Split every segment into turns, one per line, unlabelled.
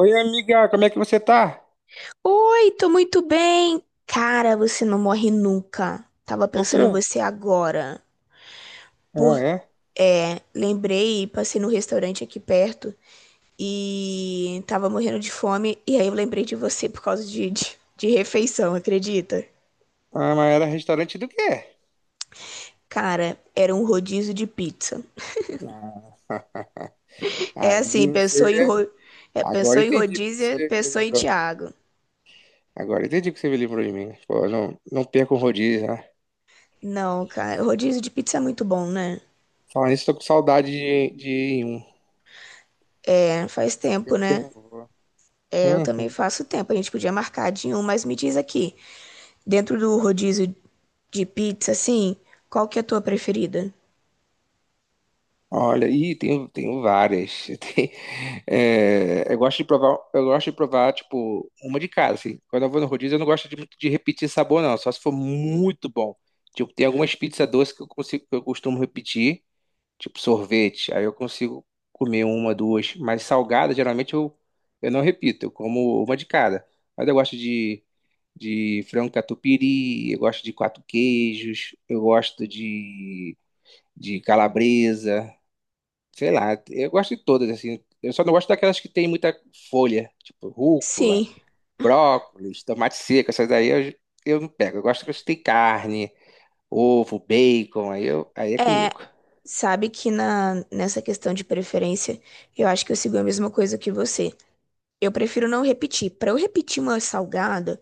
Oi, amiga, como é que você tá?
Oi, tô muito bem. Cara, você não morre nunca. Tava
Por
pensando em
quê?
você agora.
Ah,
Por...
é?
É, lembrei, passei no restaurante aqui perto e tava morrendo de fome. E aí eu lembrei de você por causa de refeição, acredita?
Ah, mas era restaurante do quê?
Cara, era um rodízio de pizza.
Ah,
É
aí
assim, pensou em,
você.
ro... é, pensou
Agora
em
entendi porque
rodízio,
você
pensou em
lembrou.
Thiago.
Agora entendi porque você me lembrou de mim. Pô, não, não perco o rodízio, né?
Não, cara, rodízio de pizza é muito bom, né?
Falar nisso, tô com saudade de ir em um.
É, faz
Tem
tempo,
tempo que
né?
eu não vou.
É, eu também
Uhum.
faço tempo. A gente podia marcar de um, mas me diz aqui, dentro do rodízio de pizza, assim, qual que é a tua preferida?
Olha, e tenho várias. Tem- eu gosto de provar, tipo, uma de cada, assim. Quando eu vou no rodízio, eu não gosto muito de repetir sabor, não. Só se for muito bom. Tipo, tem algumas pizzas doces que eu costumo repetir, tipo sorvete. Aí eu consigo comer uma, duas. Mas salgada, geralmente eu não repito. Eu como uma de cada. Mas eu gosto de frango catupiry, eu gosto de quatro queijos, eu gosto de calabresa. Sei lá, eu gosto de todas, assim. Eu só não gosto daquelas que tem muita folha, tipo rúcula,
Sim,
brócolis, tomate seco, essas daí eu não pego. Eu gosto que tem carne, ovo, bacon, aí é
é.
comigo.
Sabe que nessa questão de preferência, eu acho que eu sigo a mesma coisa que você. Eu prefiro não repetir. Pra eu repetir uma salgada,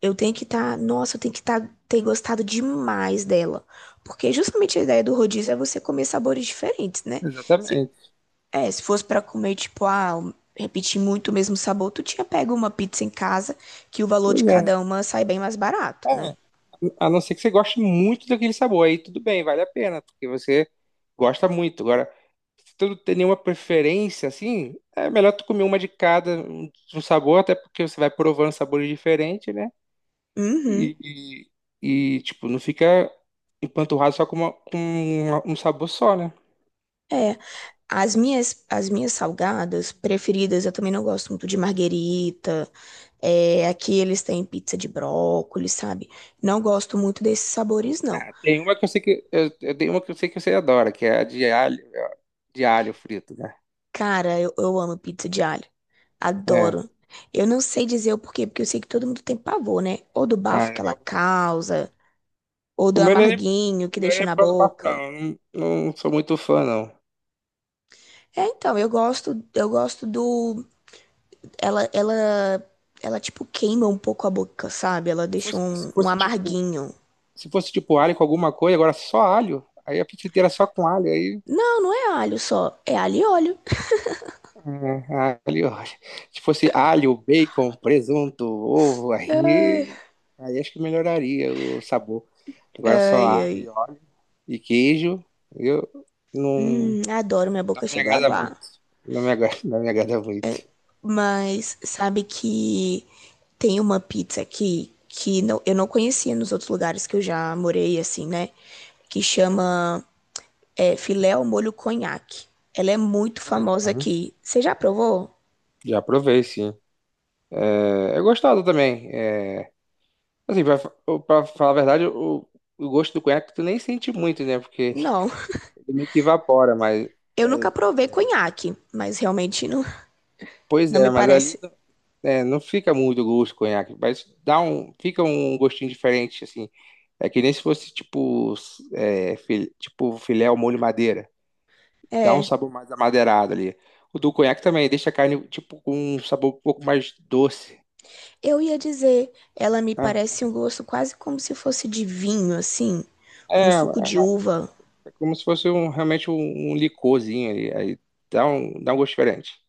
eu tenho que estar, nossa, eu tenho que tá, ter gostado demais dela. Porque justamente a ideia do rodízio é você comer sabores diferentes, né? Se-
Exatamente.
é, se fosse pra comer, tipo, ah, repetir muito o mesmo sabor, tu tinha pego uma pizza em casa, que o valor de
Pois é.
cada uma sai bem mais barato,
É,
né?
a não ser que você goste muito daquele sabor, aí tudo bem, vale a pena, porque você gosta muito. Agora, se tu não tem nenhuma preferência, assim, é melhor tu comer uma de cada um um sabor, até porque você vai provando sabores diferentes, né?
Uhum.
E, tipo, não fica empanturrado só com um sabor só, né?
É, as minhas salgadas preferidas, eu também não gosto muito de marguerita. É, aqui eles têm pizza de brócolis, sabe? Não gosto muito desses sabores, não.
Ah, tem uma que eu sei que eu tenho uma que eu sei que você adora, que é a de alho frito, né?
Cara, eu amo pizza de alho.
É.
Adoro. Eu não sei dizer o porquê, porque eu sei que todo mundo tem pavor, né? Ou do
Ah,
bafo que ela
eu-
causa, ou
o
do
meu não é,
amarguinho que deixa na
por causa do bafo,
boca.
não. Eu Não, não sou muito fã, não.
É, então, eu gosto do ela ela tipo queima um pouco a boca, sabe? Ela
Se
deixa
fosse, se
um
fosse tipo,
amarguinho.
se fosse tipo alho com alguma coisa, agora só alho. Aí a pizza inteira só com alho, aí.
Não, não é alho só, é alho e óleo.
Ah, alho, ó. Se fosse alho, bacon, presunto, ovo,
Ai,
aí acho que melhoraria o sabor. Agora só
ai,
alho e
ai.
óleo e queijo. Eu não,
Adoro, minha
Não
boca
me
chegou a
agrada
aguar.
muito. Não me agrada, não me agrada muito.
Mas sabe que tem uma pizza aqui que não, eu não conhecia nos outros lugares que eu já morei, assim, né? Que chama é filé ao molho conhaque. Ela é muito famosa
Uhum.
aqui. Você já provou?
Já provei, sim. É, gostado também. É, assim, pra falar a verdade, o gosto do conhaque tu nem sente muito, né? Porque
Não.
ele meio que evapora, mas.
Eu nunca
É,
provei conhaque, mas realmente não,
pois
não
é,
me parece.
não fica muito gosto do conhaque, mas fica um gostinho diferente, assim. É que nem se fosse tipo filé ao molho madeira. Dá um
É,
sabor mais amadeirado ali. O do conhaque também deixa a carne tipo com um sabor um pouco mais doce.
eu ia dizer, ela me
Aham.
parece um gosto quase como se fosse de vinho, assim, um
É,
suco de uva,
é, como se fosse realmente um licorzinho ali. Aí dá um gosto diferente.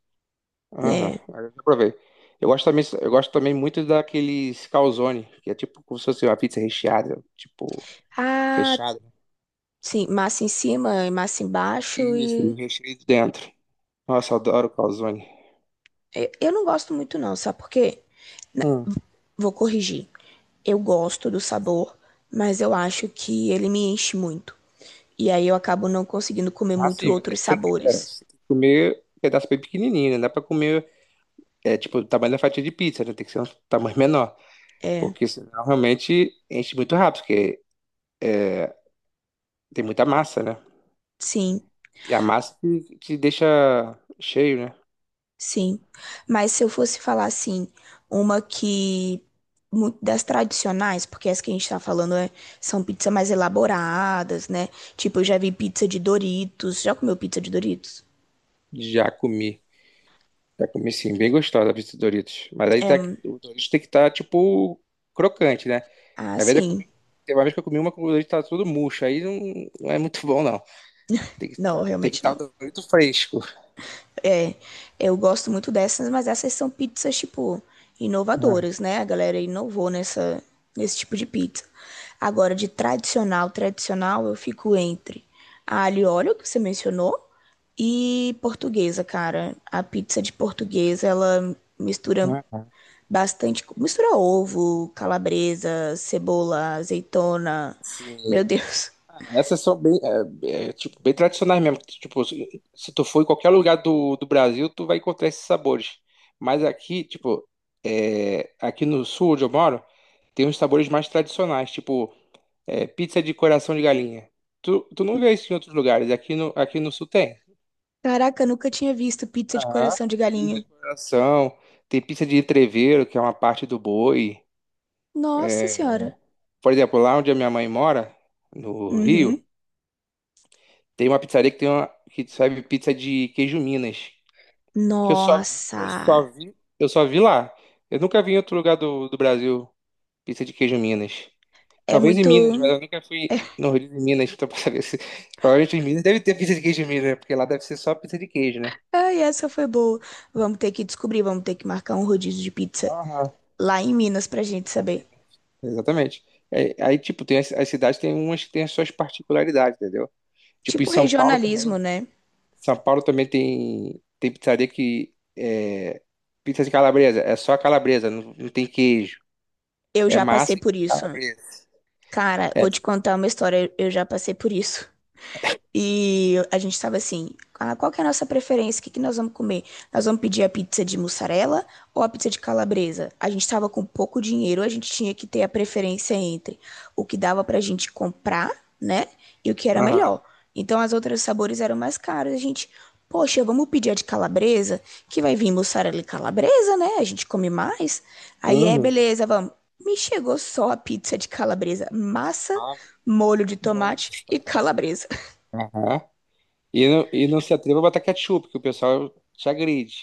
Aham,
né?
aí eu já provei. Eu gosto também muito daqueles calzone, que é tipo como se fosse uma pizza recheada, tipo,
Ah,
fechada.
sim, massa em cima e massa embaixo
Isso, e o
e
recheio dentro. Nossa, eu adoro calzone.
eu não gosto muito não, sabe por quê? Na-
Hum.
vou corrigir. Eu gosto do sabor, mas eu acho que ele me enche muito. E aí eu acabo não conseguindo comer
Ah,
muito
sim, mas aí
outros sabores.
você tem que comer um pedaço bem pequenininho, né? Dá pra comer É tipo o tamanho da fatia de pizza, né? Tem que ser um tamanho menor.
É,
Porque senão realmente enche muito rápido, porque é, tem muita massa, né?
sim,
E a massa te deixa cheio, né?
sim. Mas se eu fosse falar assim, uma que muito das tradicionais, porque as que a gente tá falando é- são pizzas mais elaboradas, né? Tipo, eu já vi pizza de Doritos. Já comeu pizza de Doritos?
Já comi. Já comi, sim, bem gostosa a pizza Doritos. Mas aí tá, o Doritos tem que estar, tipo, crocante, né?
Ah,
Às vezes eu
sim.
comi. Teve uma vez que eu comi uma com o Doritos tá todo murcho. Aí não, não é muito bom, não. Tem que
Não,
estar tem que
realmente
tá o
não.
Dorito fresco.
É, eu gosto muito dessas, mas essas são pizzas, tipo,
Aham.
inovadoras, né? A galera inovou nesse tipo de pizza. Agora, de tradicional, tradicional, eu fico entre a alho e óleo, que você mencionou, e portuguesa, cara. A pizza de portuguesa, ela mistura bastante, mistura ovo, calabresa, cebola, azeitona.
Sim.
Meu Deus.
Essas são bem, tipo, bem tradicionais mesmo. Tipo, se tu for em qualquer lugar do Brasil, tu vai encontrar esses sabores. Mas aqui, tipo, aqui no sul onde eu moro, tem uns sabores mais tradicionais, tipo, pizza de coração de galinha. Tu não vê isso em outros lugares. Aqui no sul tem.
Caraca, eu nunca tinha visto pizza de
Aham.
coração de
Pizza de
galinha.
coração, tem pizza de entrevero, que é uma parte do boi.
Nossa
É,
senhora.
por exemplo, lá onde a minha mãe mora, no Rio,
Uhum.
tem uma pizzaria que serve pizza de queijo Minas. Que
Nossa,
eu só vi lá. Eu nunca vi em outro lugar do Brasil pizza de queijo Minas.
é
Talvez em Minas, mas
muito.
eu nunca fui no Rio de Minas, então pra saber se. Provavelmente em Minas deve ter pizza de queijo em Minas, né? Porque lá deve ser só pizza de queijo, né?
Ai, essa foi boa. Vamos ter que descobrir, vamos ter que marcar um rodízio de pizza
Aham.
lá em Minas pra gente
Lá em
saber.
Minas. Exatamente. É, aí, tipo, tem as cidades tem umas que tem as suas particularidades, entendeu? Tipo, em
Tipo
São Paulo também.
regionalismo, né?
São Paulo também tem pizzaria que é pizza de calabresa. É só calabresa, não, não tem queijo.
Eu
É
já passei
massa e
por isso.
calabresa.
Cara, vou
É.
te contar uma história, eu já passei por isso. E a gente estava assim, ah, qual que é a nossa preferência? O que que nós vamos comer? Nós vamos pedir a pizza de mussarela ou a pizza de calabresa? A gente estava com pouco dinheiro, a gente tinha que ter a preferência entre o que dava pra gente comprar, né? E o que era
Aham.
melhor. Então as outras sabores eram mais caros. A gente, poxa, vamos pedir a de calabresa, que vai vir mussarela e calabresa, né? A gente come mais. Aí é,
Uhum.
beleza, vamos. Me chegou só a pizza de calabresa, massa,
Pelo
molho de
amor de
tomate e
Deus.
calabresa.
Aham. E não se atreva a botar ketchup, que o pessoal te agride.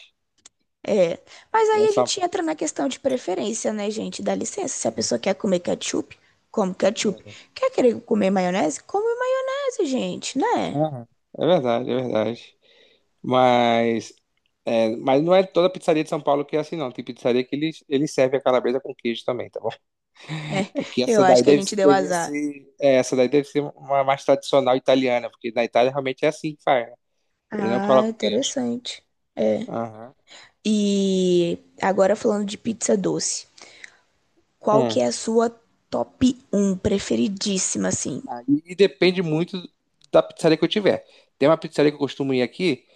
É, mas
Lá
aí
em
a
São
gente entra na questão de preferência, né, gente? Dá licença, se a
Paulo.
pessoa quer comer ketchup, come ketchup. Quer querer comer maionese? Come maionese, gente, né?
Aham. É verdade, é verdade. Mas, mas, não é toda pizzaria de São Paulo que é assim, não. Tem pizzaria que eles servem a calabresa com queijo também, tá bom?
É,
É que
eu acho que a gente deu azar.
essa daí deve ser uma mais tradicional italiana, porque na Itália realmente é assim que faz, né? Eles não
Ah,
colocam queijo.
interessante. É.
Aham.
E agora falando de pizza doce, qual que
Hum.
é a sua top um preferidíssima, assim?
Aí depende muito da pizzaria que eu tiver. Tem uma pizzaria que eu costumo ir aqui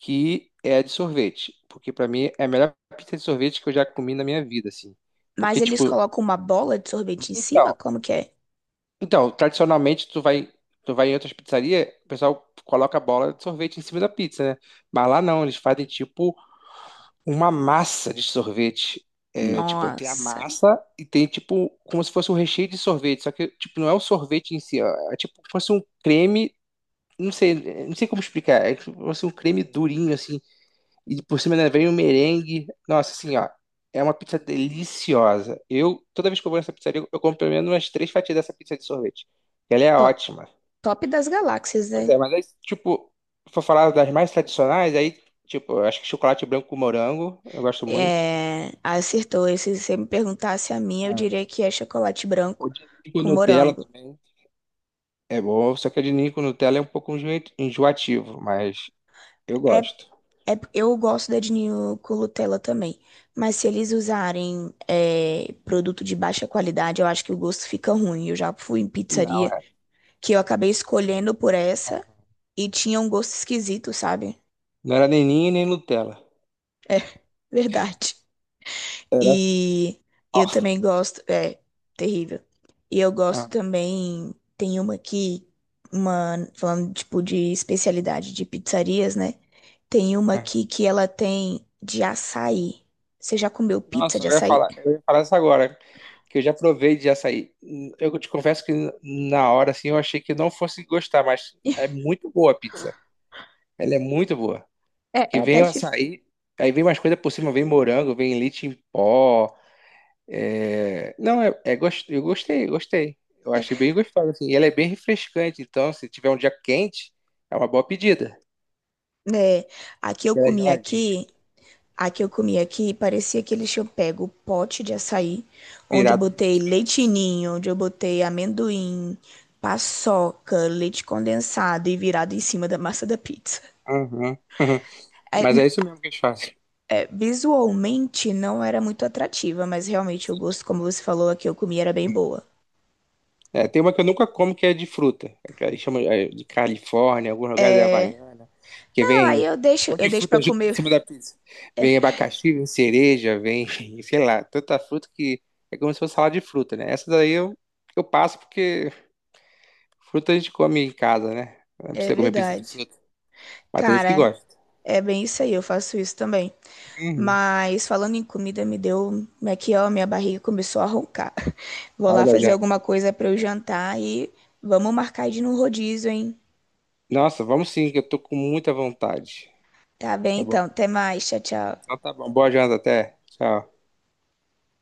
que é a de sorvete, porque pra mim é a melhor pizza de sorvete que eu já comi na minha vida, assim. Porque
Mas eles
tipo,
colocam uma bola de sorvete em cima?
então,
Como que é?
então, tradicionalmente tu vai em outras pizzarias, o pessoal coloca a bola de sorvete em cima da pizza, né? Mas lá não, eles fazem tipo uma massa de sorvete. É, tipo, tem a
Nossa,
massa e tem tipo como se fosse um recheio de sorvete, só que tipo não é o sorvete em si, ó, é tipo como se fosse um creme. Não sei como explicar. É tipo assim, um creme durinho, assim. E por cima ainda vem um merengue. Nossa, assim, ó. É uma pizza deliciosa. Eu, toda vez que eu vou nessa pizzaria, eu compro pelo menos umas três fatias dessa pizza de sorvete. Ela é
to-
ótima.
top das galáxias,
Pois é,
né?
mas aí, tipo, se for falar das mais tradicionais, aí, tipo, eu acho que chocolate branco com morango, eu gosto muito.
É, acertou. E se você me perguntasse a minha, eu
Ah.
diria que é chocolate
O
branco
de ninho com
com
Nutella
morango.
também é bom, só que o de ninho com Nutella é um pouco enjoativo, mas eu
É,
gosto.
eu gosto da de ninho com Nutella também. Mas se eles usarem é, produto de baixa qualidade, eu acho que o gosto fica ruim. Eu já fui em
Não,
pizzaria
é.
que eu acabei escolhendo por essa e tinha um gosto esquisito, sabe?
Não era nem ninho nem Nutella.
É verdade.
Era.
E eu também gosto. É, terrível. E eu gosto
Ah,
também. Tem uma aqui, uma, falando tipo de especialidade de pizzarias, né? Tem uma
ah.
aqui que ela tem de açaí. Você já comeu pizza
Nossa,
de
eu ia
açaí?
falar, eu ia falar isso agora, que eu já provei de açaí. Eu te confesso que na hora, assim, eu achei que não fosse gostar, mas é muito boa a pizza. Ela é muito boa.
É,
Que
é
vem
até
o
dif-
açaí, aí vem mais coisa por cima, vem morango, vem leite em pó. Não, eu gostei, gostei. Eu achei bem gostosa, assim. E ela é bem refrescante, então se tiver um dia quente, é uma boa pedida.
né? Aqui eu
Ela é
comi
geladinha,
aqui. A que eu comi aqui parecia que eles tinham pego o pote de açaí, onde eu
virado.
botei leitinho, onde eu botei amendoim, paçoca, leite condensado e virado em cima da massa da pizza.
Aham.
É,
Mas é isso mesmo que eles fazem.
visualmente não era muito atrativa, mas realmente o gosto, como você falou, a que eu comi era bem boa.
É, tem uma que eu nunca como que é de fruta, que eles chamam, de Califórnia, alguns lugares é Havaiana, que
Não,
vem
aí
um monte
eu
de
deixo
fruta
para
junto em
comer.
cima da pizza. Vem abacaxi, vem cereja, vem, sei lá, tanta fruta que é como se fosse salada de fruta, né? Essa daí eu passo porque fruta a gente come em casa, né? Não
É
precisa comer pizza de
verdade.
fruta. Mas tem gente que
Cara,
gosta.
é bem isso aí, eu faço isso também.
Uhum.
Mas falando em comida, me deu. Aqui, ó, minha barriga começou a roncar. Vou
Hora
lá
da
fazer
janta.
alguma coisa para eu jantar e vamos marcar de ir num rodízio, hein?
Nossa, vamos, sim, que eu tô com muita vontade.
Tá bem,
Tá bom?
então. Até mais. Tchau, tchau.
Então tá bom. Boa janta até. Tchau.